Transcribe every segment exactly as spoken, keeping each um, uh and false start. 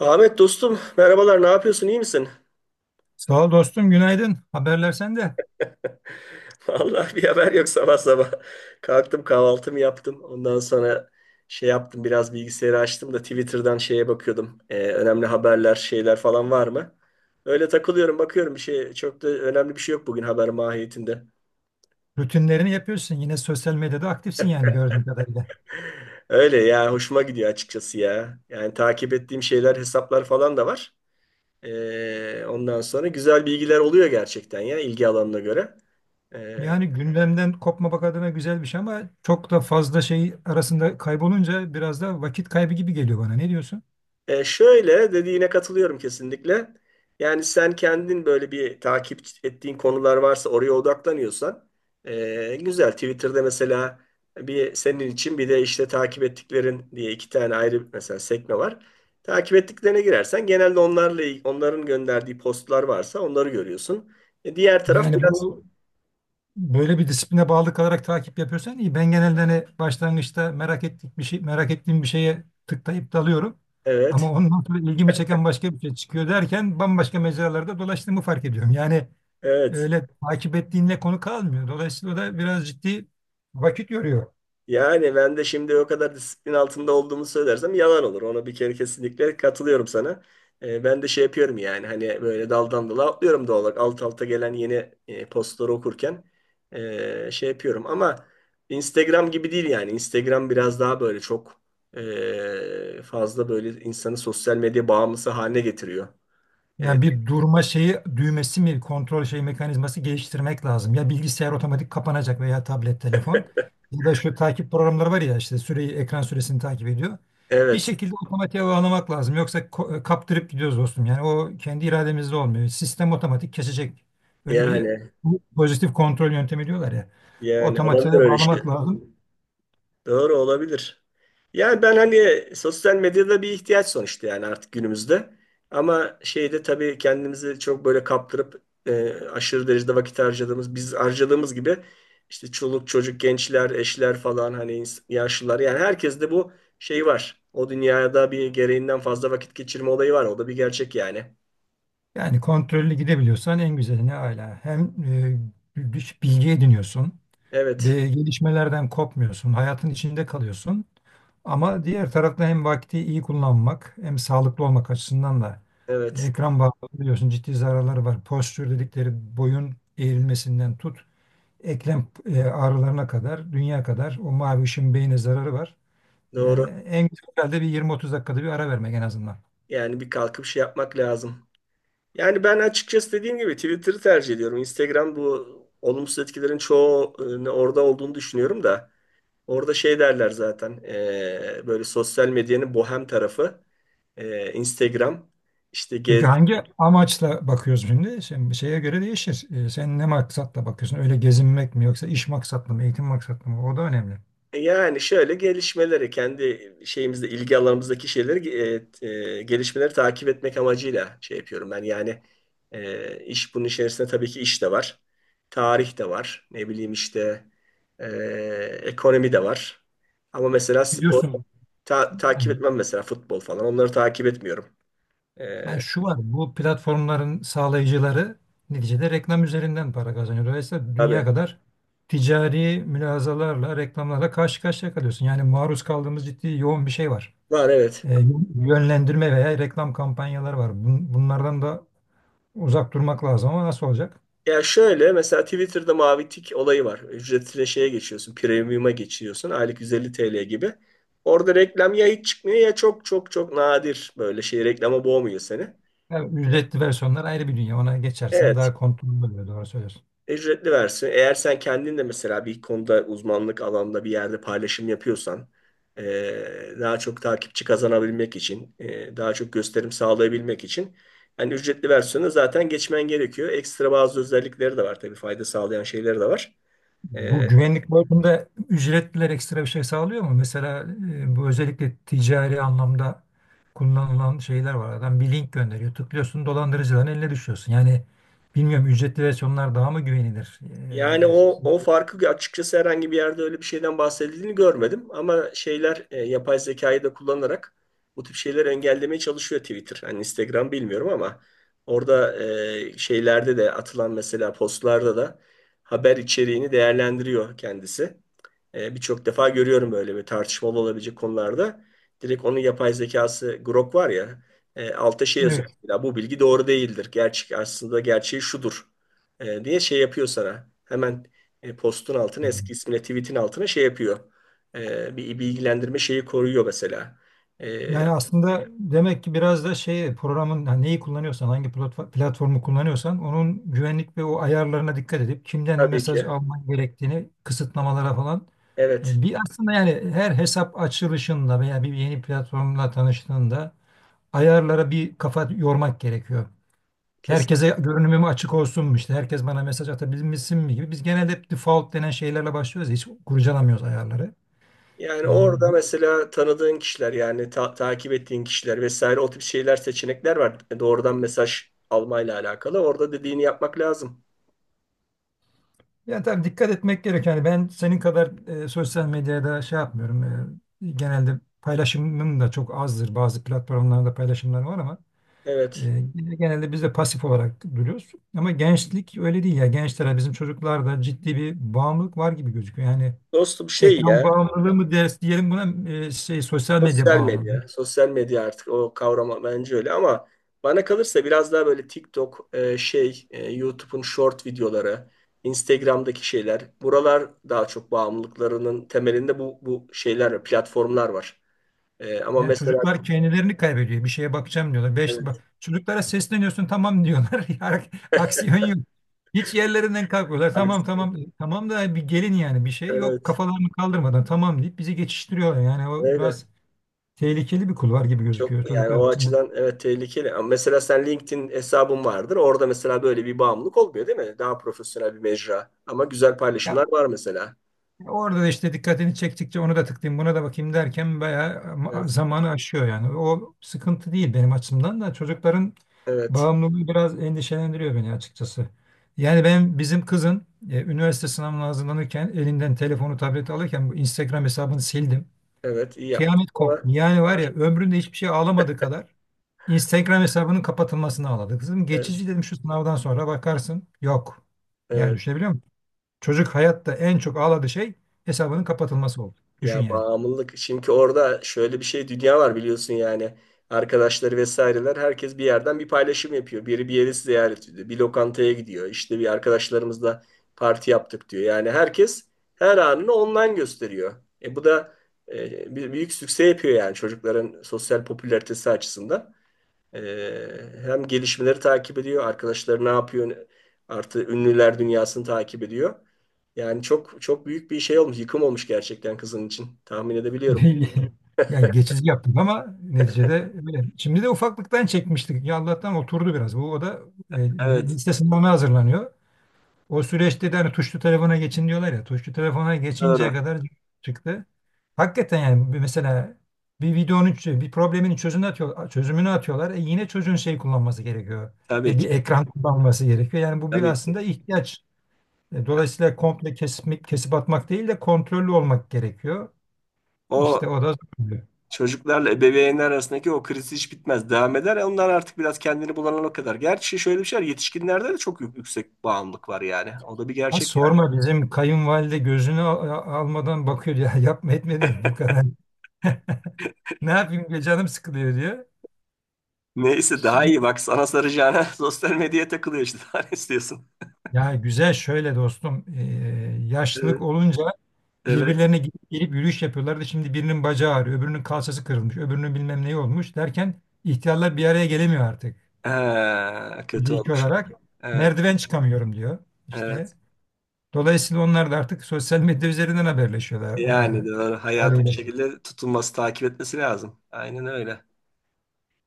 Ahmet dostum, merhabalar. Ne yapıyorsun, iyi misin? Sağ ol dostum, günaydın. Haberler sende. Vallahi bir haber yok sabah sabah. Kalktım, kahvaltımı yaptım. Ondan sonra şey yaptım, biraz bilgisayarı açtım da Twitter'dan şeye bakıyordum. Ee, önemli haberler, şeyler falan var mı? Öyle takılıyorum, bakıyorum. Bir şey, çok da önemli bir şey yok bugün haber mahiyetinde. Rutinlerini yapıyorsun. Yine sosyal medyada aktifsin yani gördüğüm kadarıyla. Öyle ya, hoşuma gidiyor açıkçası ya. Yani takip ettiğim şeyler, hesaplar falan da var. Ee, ondan sonra güzel bilgiler oluyor gerçekten ya, ilgi alanına göre. Ee, Yani gündemden kopmamak adına güzel bir şey ama çok da fazla şey arasında kaybolunca biraz da vakit kaybı gibi geliyor bana. Ne diyorsun? E, şöyle dediğine katılıyorum kesinlikle. Yani sen kendin böyle bir takip ettiğin konular varsa oraya odaklanıyorsan e, güzel. Twitter'da mesela bir senin için, bir de işte takip ettiklerin diye iki tane ayrı mesela sekme var. Takip ettiklerine girersen genelde onlarla il- onların gönderdiği postlar varsa onları görüyorsun. E, diğer taraf Yani biraz bu böyle bir disipline bağlı kalarak takip yapıyorsan iyi. Ben genelde hani başlangıçta merak ettik bir şey, merak ettiğim bir şeye tıklayıp dalıyorum. evet, Ama ondan sonra ilgimi çeken başka bir şey çıkıyor derken bambaşka mecralarda dolaştığımı fark ediyorum. Yani evet. öyle takip ettiğinle konu kalmıyor. Dolayısıyla da biraz ciddi vakit yoruyor. Yani ben de şimdi o kadar disiplin altında olduğumu söylersem yalan olur. Ona bir kere kesinlikle katılıyorum sana. Ee, ben de şey yapıyorum yani hani böyle daldan dala atlıyorum doğal olarak. Alt alta gelen yeni e, postları okurken e, şey yapıyorum. Ama Instagram gibi değil yani. Instagram biraz daha böyle çok e, fazla böyle insanı sosyal medya bağımlısı haline getiriyor. E, Yani bir durma şeyi düğmesi mi kontrol şey mekanizması geliştirmek lazım. Ya bilgisayar otomatik kapanacak veya tablet, telefon ya da şu takip programları var ya işte süreyi ekran süresini takip ediyor. Bir evet şekilde otomatiğe bağlamak lazım. Yoksa ko- e, kaptırıp gidiyoruz dostum. Yani o kendi irademizde olmuyor. Sistem otomatik kesecek. Öyle bir yani pozitif kontrol yöntemi diyorlar ya. yani Otomatiğe olabilir öyle şey. bağlamak lazım. Doğru olabilir. Yani ben hani sosyal medyada bir ihtiyaç sonuçta yani artık günümüzde. Ama şeyde tabii kendimizi çok böyle kaptırıp e, aşırı derecede vakit harcadığımız, biz harcadığımız gibi işte çoluk çocuk, gençler, eşler falan hani ins- yaşlılar yani herkes de bu şey var. O dünyada bir gereğinden fazla vakit geçirme olayı var. O da bir gerçek yani. Yani kontrollü gidebiliyorsan en güzeli ne âlâ. Hem e, bir bilgi ediniyorsun Evet, ve gelişmelerden kopmuyorsun. Hayatın içinde kalıyorsun. Ama diğer tarafta hem vakti iyi kullanmak hem sağlıklı olmak açısından da evet. ekran bağımlı biliyorsun ciddi zararları var. Postür dedikleri boyun eğrilmesinden tut eklem e, ağrılarına kadar, dünya kadar o mavi ışın beyne zararı var. Yani Doğru. en güzel herhalde bir yirmi otuz dakikada bir ara vermek en azından. Yani bir kalkıp şey yapmak lazım. Yani ben açıkçası dediğim gibi Twitter'ı tercih ediyorum. Instagram bu olumsuz etkilerin çoğu e, orada olduğunu düşünüyorum da orada şey derler zaten e, böyle sosyal medyanın bohem tarafı e, Instagram işte gez. Peki hangi amaçla bakıyoruz şimdi? Şimdi şeye göre değişir. Ee, sen ne maksatla bakıyorsun? Öyle gezinmek mi yoksa iş maksatlı mı, eğitim maksatlı mı? O da önemli. Yani şöyle gelişmeleri kendi şeyimizde ilgi alanımızdaki şeyleri e, e, gelişmeleri takip etmek amacıyla şey yapıyorum ben. Yani e, iş bunun içerisinde tabii ki iş de var. Tarih de var. Ne bileyim işte e, ekonomi de var. Ama mesela spor Biliyorsun ta- yani, takip etmem mesela futbol falan. Onları takip etmiyorum. yani E, şu var, bu platformların sağlayıcıları neticede reklam üzerinden para kazanıyor. Dolayısıyla dünya tabii kadar ticari mülazalarla, reklamlarla karşı karşıya kalıyorsun. Yani maruz kaldığımız ciddi yoğun bir şey var. var, evet. Ee, Yönlendirme veya reklam kampanyaları var. Bun- Bunlardan da uzak durmak lazım ama nasıl olacak? Ya şöyle mesela Twitter'da mavi tik olayı var. Ücretine şeye geçiyorsun, premium'a geçiyorsun. Aylık yüz elli T L gibi. Orada reklam ya hiç çıkmıyor ya çok çok çok nadir, böyle şey, reklama boğmuyor seni. Ya, ücretli versiyonlar ayrı bir dünya. Ona geçersen Evet, daha kontrollü oluyor. Doğru söylüyorsun. ücretli versiyon. Eğer sen kendin de mesela bir konuda uzmanlık alanda bir yerde paylaşım yapıyorsan, eee, daha çok takipçi kazanabilmek için, eee, daha çok gösterim sağlayabilmek için yani ücretli versiyonu zaten geçmen gerekiyor. Ekstra bazı özellikleri de var, tabii fayda sağlayan şeyleri de var. Bu E, güvenlik boyutunda ücretliler ekstra bir şey sağlıyor mu? Mesela e, bu özellikle ticari anlamda kullanılan şeyler var. Adam bir link gönderiyor. Tıklıyorsun dolandırıcıların eline düşüyorsun. Yani bilmiyorum ücretli versiyonlar daha mı güvenilir? Yani o E, o farkı açıkçası herhangi bir yerde öyle bir şeyden bahsedildiğini görmedim. Ama şeyler e, yapay zekayı da kullanarak bu tip şeyleri engellemeye çalışıyor Twitter. Hani Instagram bilmiyorum ama orada e, şeylerde de atılan mesela postlarda da haber içeriğini değerlendiriyor kendisi. E, birçok defa görüyorum böyle bir tartışmalı olabilecek konularda. Direkt onun yapay zekası Grok var ya, e, altta şey yazıyor. evet. Ya, bu bilgi doğru değildir. Gerçek aslında gerçeği şudur e, diye şey yapıyor sana. Hemen e, postun altına, eski ismine tweetin altına şey yapıyor. E, bir bilgilendirme şeyi koyuyor mesela. E, Yani aslında demek ki biraz da şey programın yani neyi kullanıyorsan hangi platfo- platformu kullanıyorsan onun güvenlik ve o ayarlarına dikkat edip kimden tabii ki, mesaj alman gerektiğini kısıtlamalara falan evet, e, bir aslında yani her hesap açılışında veya bir yeni platformla tanıştığında ayarlara bir kafa yormak gerekiyor. kesin. Herkese görünümüm açık olsun mu işte herkes bana mesaj atabilmişsin mi gibi biz genelde hep default denen şeylerle başlıyoruz ya, hiç kurcalamıyoruz ayarları. Yani E, orada mesela tanıdığın kişiler yani ta- takip ettiğin kişiler vesaire o tip şeyler, seçenekler var. E, Doğrudan mesaj almayla alakalı. Orada dediğini yapmak lazım. Yani tabii dikkat etmek gerekiyor. Yani ben senin kadar e, sosyal medyada şey yapmıyorum. E, genelde paylaşımım da çok azdır. Bazı platformlarda paylaşımlar var ama Evet. e, genelde biz de pasif olarak duruyoruz. Ama gençlik öyle değil ya. Gençlere bizim çocuklarda ciddi bir bağımlılık var gibi gözüküyor. Yani Dostum, şey ekran ya, bağımlılığı mı ders diyelim buna e, şey sosyal medya sosyal bağımlılığı. medya. Sosyal medya artık o kavram bence öyle ama bana kalırsa biraz daha böyle TikTok, e, şey, e, YouTube'un short videoları, Instagram'daki şeyler, buralar daha çok bağımlılıklarının temelinde, bu, bu şeyler, platformlar var. E, ama Yani mesela çocuklar kendilerini kaybediyor. Bir şeye bakacağım diyorlar. Beş, evet, bak, çocuklara sesleniyorsun tamam diyorlar. Ya, aksiyon yok. Hiç yerlerinden kalkmıyorlar. Tamam aksi- tamam. Tamam da bir gelin yani bir şey yok. evet, Kafalarını kaldırmadan tamam deyip bizi geçiştiriyorlar. Yani o öyle. biraz tehlikeli bir kulvar gibi Çok gözüküyor yani çocuklar o açısından. açıdan evet, tehlikeli. Ama mesela sen LinkedIn hesabın vardır. Orada mesela böyle bir bağımlılık olmuyor değil mi? Daha profesyonel bir mecra. Ama güzel paylaşımlar Ya, var mesela. orada da işte dikkatini çektikçe onu da tıklayayım, buna da bakayım derken bayağı ma- Evet. zamanı aşıyor yani. O sıkıntı değil benim açımdan da çocukların Evet. bağımlılığı biraz endişelendiriyor beni açıkçası. Yani ben bizim kızın e, üniversite sınavına hazırlanırken elinden telefonu, tableti alırken bu Instagram hesabını sildim. Evet, iyi yaptın. Kıyamet Ama koptu. Yani var ya ömründe hiçbir şey ağlamadığı kadar Instagram hesabının kapatılmasını ağladı. Kızım evet, geçici dedim şu sınavdan sonra bakarsın. Yok. Yani evet. düşünebiliyor çocuk hayatta en çok ağladığı şey hesabının kapatılması oldu. Düşün Ya, yani. bağımlılık. Çünkü orada şöyle bir şey, dünya var biliyorsun yani. Arkadaşları vesaireler, herkes bir yerden bir paylaşım yapıyor. Biri bir yeri ziyaret ediyor, bir lokantaya gidiyor. İşte bir arkadaşlarımızla parti yaptık diyor. Yani herkes her anını online gösteriyor. E bu da e, bir büyük sükse yapıyor yani çocukların sosyal popülaritesi açısından. Ee, hem gelişmeleri takip ediyor, arkadaşları ne yapıyor, artı ünlüler dünyasını takip ediyor. Yani çok çok büyük bir şey olmuş, yıkım olmuş gerçekten kızın için. Tahmin edebiliyorum. Yani geçici yaptık ama neticede öyle. Şimdi de ufaklıktan çekmiştik. Ya Allah'tan oturdu biraz. Bu o da e, Evet, lise sınavına hazırlanıyor. O süreçte de hani tuşlu telefona geçin diyorlar ya. Tuşlu telefona geçinceye doğru. kadar çıktı. Hakikaten yani bir- mesela bir videonun ç- bir problemin çözümünü atıyor, çözümünü atıyorlar. E yine çocuğun şey kullanması gerekiyor. Tabii E ki, bir ekran kullanması gerekiyor. Yani bu bir tabii aslında ki. ihtiyaç. E, Dolayısıyla komple kesip, kesip atmak değil de kontrollü olmak gerekiyor. O İşte o da zorluyor. çocuklarla ebeveynler arasındaki o kriz hiç bitmez, devam eder. Onlar artık biraz kendini bulana kadar. Gerçi şöyle bir şey var, yetişkinlerde de çok yük- yüksek bağımlılık var yani. O da bir Ha, gerçek. sorma bizim kayınvalide gözünü al- a- almadan bakıyor ya yapma etmedim bu kadar. Ne yapayım be, canım sıkılıyor diyor. Neyse, daha Şimdi, iyi bak, sana saracağına sosyal medyaya takılıyor işte. Daha ne istiyorsun? ya güzel şöyle dostum e, yaşlılık Evet, olunca evet. birbirlerine gidip gelip yürüyüş yapıyorlardı. Şimdi birinin bacağı ağrıyor, öbürünün kalçası kırılmış, öbürünün bilmem neyi olmuş derken ihtiyarlar bir araya gelemiyor artık. Ha, kötü Fiziki olmuş. olarak Evet, merdiven çıkamıyorum diyor. İşte evet. dolayısıyla onlar da artık sosyal medya üzerinden haberleşiyorlar Yani ha, doğru. Hayatı bir haliyle. şekilde tutunması, takip etmesi lazım. Aynen öyle.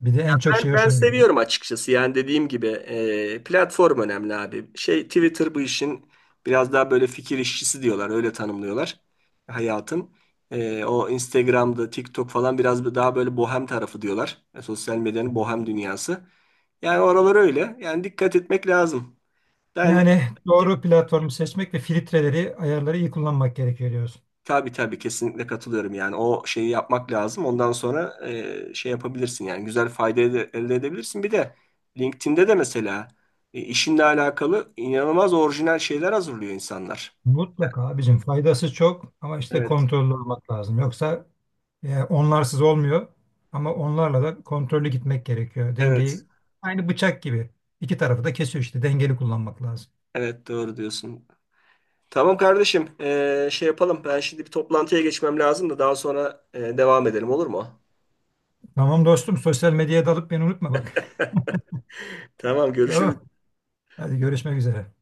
Bir de en çok Ben, şey ben hoşuna gidiyor. seviyorum açıkçası. Yani dediğim gibi e, platform önemli abi. Şey Twitter bu işin biraz daha böyle fikir işçisi diyorlar. Öyle tanımlıyorlar, hayatın. E, o Instagram'da, TikTok falan biraz daha böyle bohem tarafı diyorlar. E, sosyal medyanın bohem dünyası. Yani oralar öyle. Yani dikkat etmek lazım. Ben. Yani doğru platformu seçmek ve filtreleri, ayarları iyi kullanmak gerekiyor diyorsun. Tabii tabii, kesinlikle katılıyorum yani o şeyi yapmak lazım. Ondan sonra e, şey yapabilirsin yani güzel fayda ede- elde edebilirsin. Bir de LinkedIn'de de mesela e, işinle alakalı inanılmaz orijinal şeyler hazırlıyor insanlar. Mutlaka bizim faydası çok ama işte Evet kontrollü olmak lazım. Yoksa e, onlarsız olmuyor ama onlarla da kontrollü gitmek gerekiyor. evet Dengeyi aynı bıçak gibi. İki tarafı da kesiyor işte. Dengeli kullanmak lazım. evet, doğru diyorsun. Tamam kardeşim, e, şey yapalım, ben şimdi bir toplantıya geçmem lazım da daha sonra e, devam edelim olur mu? Tamam dostum sosyal medyaya dalıp beni unutma bak. Tamam, görüşürüz. Tamam. Hadi görüşmek üzere.